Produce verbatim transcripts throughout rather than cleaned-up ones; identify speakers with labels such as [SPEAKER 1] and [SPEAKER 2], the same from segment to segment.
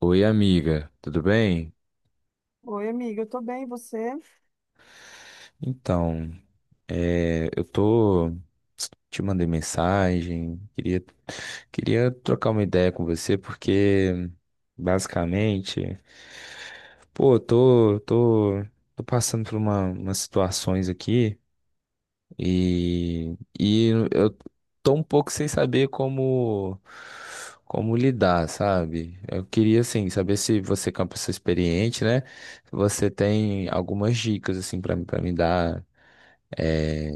[SPEAKER 1] Oi, amiga, tudo bem?
[SPEAKER 2] Oi, amiga, eu tô bem, e você?
[SPEAKER 1] Então, é, eu tô. Te mandei mensagem, queria, queria trocar uma ideia com você, porque basicamente, pô, eu tô, tô, tô passando por uma, umas situações aqui. E, e eu tô um pouco sem saber como, como lidar, sabe? Eu queria, assim, saber se você, que é uma pessoa experiente, né? Se você tem algumas dicas, assim, pra, pra me dar. É,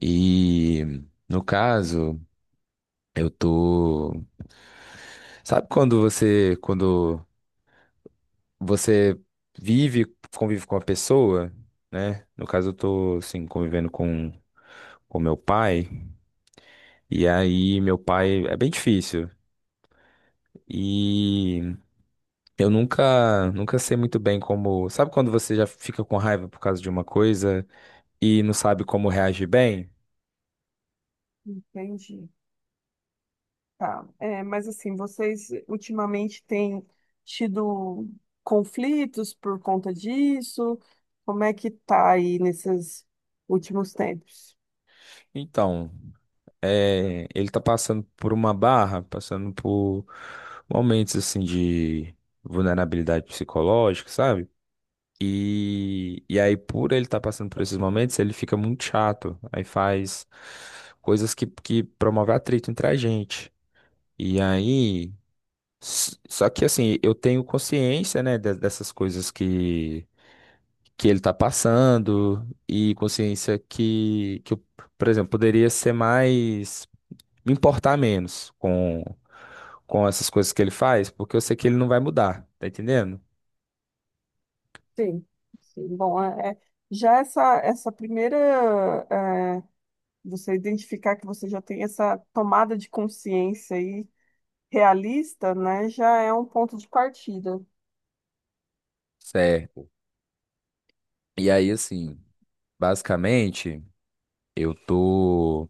[SPEAKER 1] e, no caso, eu tô... Sabe quando você, quando você vive, convive com uma pessoa, né? No caso, eu tô, assim, convivendo com, com meu pai. E aí, meu pai é bem difícil. E eu nunca, nunca sei muito bem como. Sabe quando você já fica com raiva por causa de uma coisa e não sabe como reagir bem?
[SPEAKER 2] Entendi. Tá. É, mas assim, vocês ultimamente têm tido conflitos por conta disso? Como é que tá aí nesses últimos tempos?
[SPEAKER 1] Então, é, ele tá passando por uma barra, passando por momentos assim de vulnerabilidade psicológica, sabe? E, e aí, por ele estar passando por esses momentos, ele fica muito chato. Aí faz coisas que, que promovem atrito entre a gente. E aí. S- Só que assim, eu tenho consciência, né, de- dessas coisas que, que ele tá passando e consciência que, que eu, por exemplo, poderia ser mais, me importar menos com, com essas coisas que ele faz, porque eu sei que ele não vai mudar, tá entendendo?
[SPEAKER 2] Sim, sim. Bom, é, é- já essa, essa primeira, é, você identificar que você já tem essa tomada de consciência aí realista, né, já é um ponto de partida.
[SPEAKER 1] Certo. E aí, assim, basicamente, eu tô.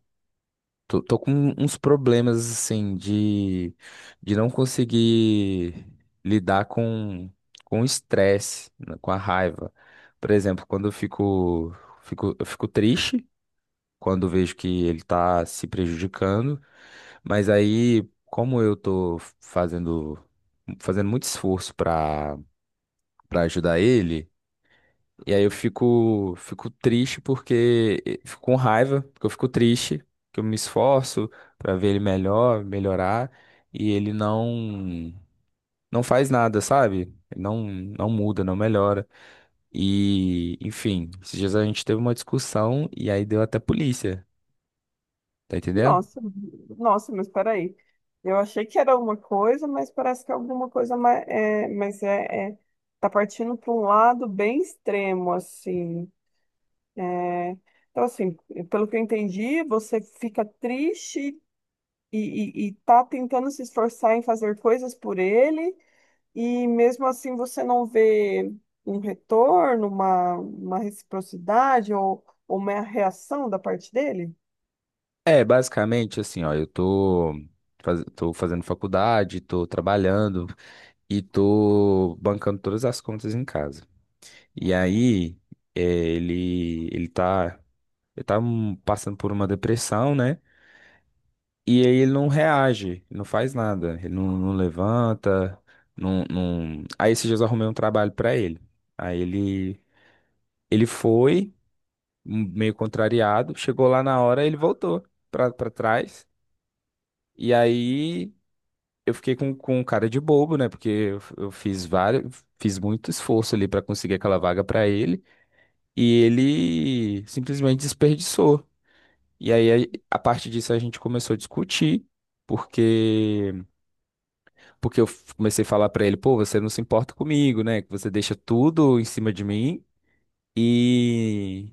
[SPEAKER 1] Tô, tô com um, uns problemas, assim, de, de não conseguir lidar com, com o estresse, né, com a raiva. Por exemplo, quando eu fico, fico, eu fico triste, quando vejo que ele tá se prejudicando, mas aí, como eu tô fazendo, fazendo muito esforço pra, pra ajudar ele, e aí eu fico, fico triste porque fico com raiva, porque eu fico triste, que eu me esforço pra ver ele melhor, melhorar, e ele não não faz nada, sabe? Ele não não muda, não melhora. E, enfim, esses dias a gente teve uma discussão e aí deu até polícia, tá entendendo?
[SPEAKER 2] Nossa, nossa, mas peraí. Eu achei que era uma coisa, mas parece que é alguma coisa mais. É, mas é, é- tá partindo para um lado bem extremo, assim. É, então, assim, pelo que eu entendi, você fica triste e, e, e tá tentando se esforçar em fazer coisas por ele, e mesmo assim você não vê um retorno, uma, uma reciprocidade ou, ou uma reação da parte dele?
[SPEAKER 1] É, basicamente assim, ó, eu tô faz- tô fazendo faculdade, tô trabalhando e tô bancando todas as contas em casa. E aí, eh, ele, ele tá, ele tá hum, passando por uma depressão, né? E aí ele não reage, ele não faz nada, ele não, não levanta, não, não... Aí esses dias eu arrumei um trabalho pra ele. Aí ele, ele foi, hum, meio contrariado, chegou lá na hora, ele voltou pra, pra trás. E aí eu fiquei com, com cara de bobo, né? Porque eu, eu fiz vários, fiz muito esforço ali pra conseguir aquela vaga pra ele. E ele simplesmente desperdiçou. E aí, a a partir disso, a gente começou a discutir, porque porque eu f- comecei a falar pra ele, pô, você não se importa comigo, né? Que você deixa tudo em cima de mim e,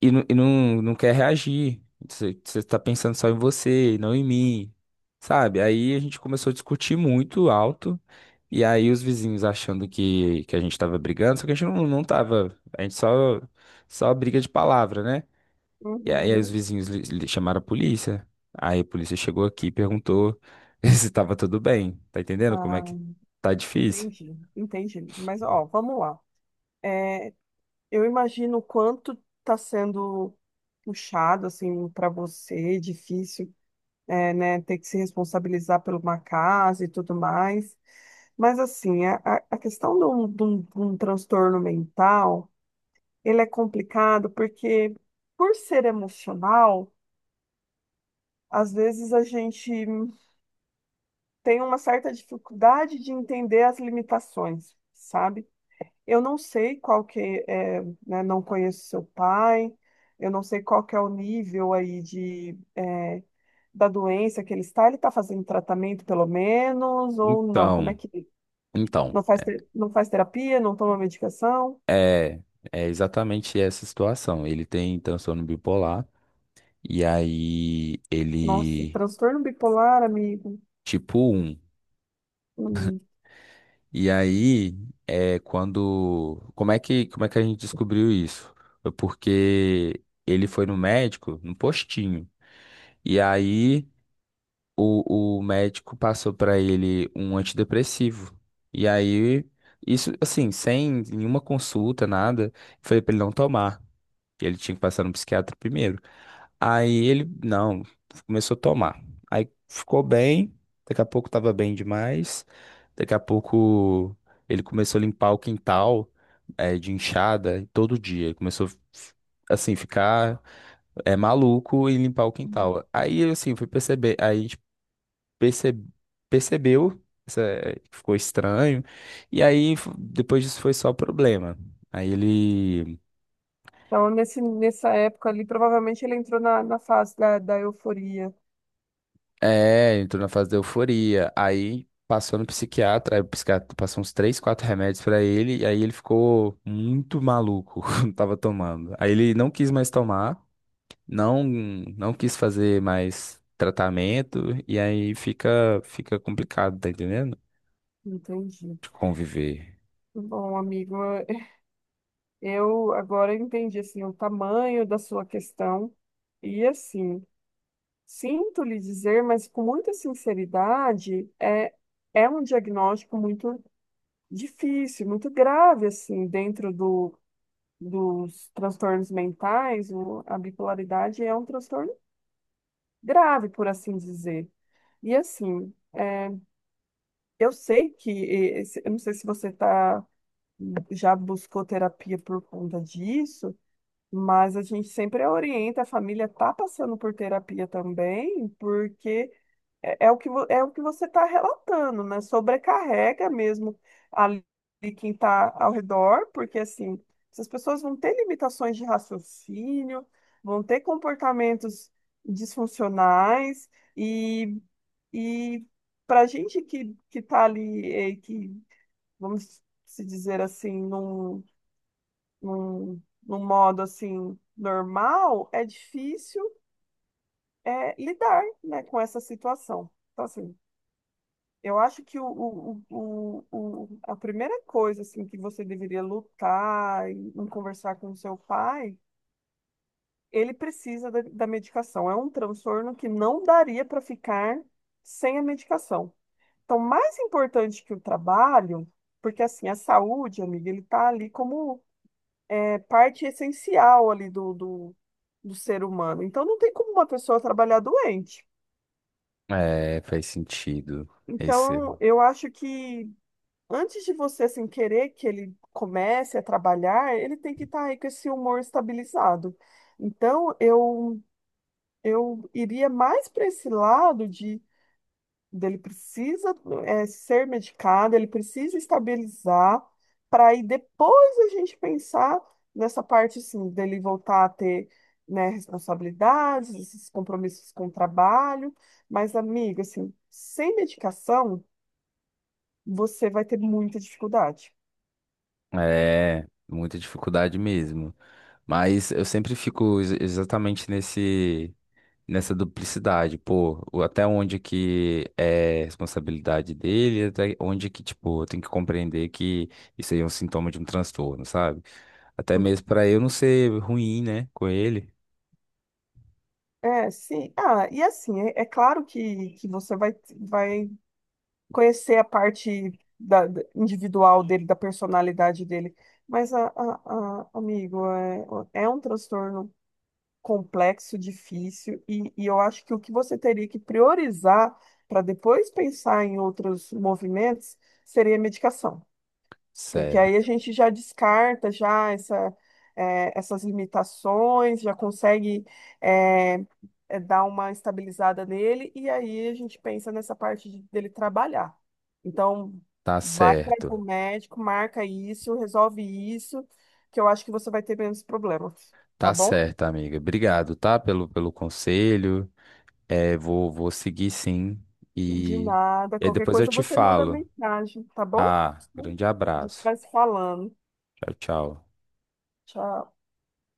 [SPEAKER 1] e, não, e não, não quer reagir. Você, você tá pensando só em você, e não em mim, sabe? Aí a gente começou a discutir muito alto, e aí os vizinhos achando que, que a gente tava brigando, só que a gente não, não tava, a gente só, só briga de palavra, né? E aí os
[SPEAKER 2] Uhum.
[SPEAKER 1] vizinhos li- li- chamaram a polícia. Aí a polícia chegou aqui e perguntou se estava tudo bem. Tá entendendo como é
[SPEAKER 2] Ah.
[SPEAKER 1] que tá difícil?
[SPEAKER 2] Entendi, entendi. Mas, ó, vamos lá. É, eu imagino o quanto está sendo puxado, assim, para você, difícil, é, né, ter que se responsabilizar por uma casa e tudo mais. Mas, assim, a, a a questão de um, de um- de um transtorno mental, ele é complicado porque, por ser emocional, às vezes a gente tem uma certa dificuldade de entender as limitações, sabe? Eu não sei qual que é, né, não conheço seu pai, eu não sei qual que é o nível aí de, é, da doença que ele está. Ele está fazendo tratamento pelo menos ou não? Como é
[SPEAKER 1] Então,
[SPEAKER 2] que
[SPEAKER 1] então,
[SPEAKER 2] não faz, te- não faz terapia, não toma medicação?
[SPEAKER 1] é, é É exatamente essa situação. Ele tem transtorno bipolar e aí
[SPEAKER 2] Nossa,
[SPEAKER 1] ele
[SPEAKER 2] transtorno bipolar, amigo.
[SPEAKER 1] tipo um.
[SPEAKER 2] Hum.
[SPEAKER 1] E aí é quando como é que como é que a gente descobriu isso? Foi porque ele foi no médico, no postinho. E aí o, o médico passou pra ele um antidepressivo. E aí, isso, assim, sem nenhuma consulta, nada, falei pra ele não tomar. Que ele tinha que passar no psiquiatra primeiro. Aí ele, não, começou a tomar. Aí ficou bem, daqui a pouco tava bem demais. Daqui a pouco ele começou a limpar o quintal eh, de enxada todo dia. Ele começou assim, ficar é, maluco e limpar o quintal. Aí assim, fui perceber. Aí perce- percebeu, essa- que ficou estranho, e aí f- depois disso foi só problema. Aí ele
[SPEAKER 2] Então, nesse, nessa época ali, provavelmente ele entrou na, na fase da, da euforia.
[SPEAKER 1] é, entrou na fase da euforia, aí passou no psiquiatra, aí o psiquiatra passou uns três, quatro remédios pra ele, e aí ele ficou muito maluco, quando tava tomando. Aí ele não quis mais tomar, não não quis fazer mais tratamento, e aí fica fica complicado, tá entendendo?
[SPEAKER 2] Entendi.
[SPEAKER 1] De conviver.
[SPEAKER 2] Bom, amigo, eu agora entendi assim o tamanho da sua questão e assim, sinto lhe dizer, mas com muita sinceridade, é é um diagnóstico muito difícil, muito grave assim, dentro do, dos transtornos mentais, o- a bipolaridade é um transtorno grave, por assim dizer. E assim, eu sei que, eh, esse- eu não sei se você tá, já buscou terapia por conta disso, mas a gente sempre orienta, a família está passando por terapia também, porque é, é o que, vo- é o que você está relatando, né? Sobrecarrega mesmo ali quem está ao redor, porque assim, essas pessoas vão ter limitações de raciocínio, vão ter comportamentos disfuncionais, e, e para a gente que, que está ali, eh, que, vamos se dizer assim, não num, num modo assim normal, é difícil é, lidar, né, com essa situação. Então, assim, eu acho que o, o, o, o, o- a primeira coisa assim que você deveria lutar e em conversar com o seu pai, ele precisa da, da medicação. É um transtorno que não daria para ficar sem a medicação. Então, mais importante que o trabalho, porque assim, a saúde, amiga, ele tá ali como é parte essencial ali do, do, do ser humano. Então, não tem como uma pessoa trabalhar doente.
[SPEAKER 1] É, faz sentido. Esse.
[SPEAKER 2] Então, eu acho que antes de você assim, querer que ele comece a trabalhar, ele tem que estar aí com esse humor estabilizado. Então, eu, eu iria mais para esse lado de ele precisa é, ser medicado, ele precisa estabilizar, para aí depois a gente pensar nessa parte assim, dele voltar a ter, né, responsabilidades, esses compromissos com o trabalho. Mas, amiga, assim, sem medicação, você vai ter muita dificuldade.
[SPEAKER 1] É, muita dificuldade mesmo. Mas eu sempre fico ex- exatamente nesse, nessa duplicidade, pô, o- até onde que é responsabilidade dele, até onde que, tipo, eu tenho que compreender que isso aí é um sintoma de um transtorno, sabe? Até mesmo pra eu não ser ruim, né, com ele.
[SPEAKER 2] É, sim. Ah, e assim, é, é claro que, que você vai, vai conhecer a parte da, da- individual dele, da personalidade dele. Mas, a, a- a- amigo, é, é um transtorno complexo, difícil, e, e eu acho que o que você teria que priorizar para depois pensar em outros movimentos seria a medicação. Porque aí a
[SPEAKER 1] Certo,
[SPEAKER 2] gente já descarta já essa, eh, essas limitações, já consegue eh, eh, dar uma estabilizada nele, e aí a gente pensa nessa parte de- dele trabalhar. Então,
[SPEAKER 1] tá
[SPEAKER 2] vai
[SPEAKER 1] certo.
[SPEAKER 2] para o médico, marca isso, resolve isso, que eu acho que você vai ter menos problemas, tá
[SPEAKER 1] Tá
[SPEAKER 2] bom?
[SPEAKER 1] certo, amiga. Obrigado, tá, pelo, pelo conselho. É, vou, vou seguir sim.
[SPEAKER 2] De
[SPEAKER 1] E,
[SPEAKER 2] nada,
[SPEAKER 1] e aí
[SPEAKER 2] qualquer
[SPEAKER 1] depois eu
[SPEAKER 2] coisa
[SPEAKER 1] te
[SPEAKER 2] você manda
[SPEAKER 1] falo.
[SPEAKER 2] mensagem, tá bom?
[SPEAKER 1] Ah, grande
[SPEAKER 2] A gente
[SPEAKER 1] abraço.
[SPEAKER 2] vai se falando.
[SPEAKER 1] Tchau, tchau.
[SPEAKER 2] Tchau.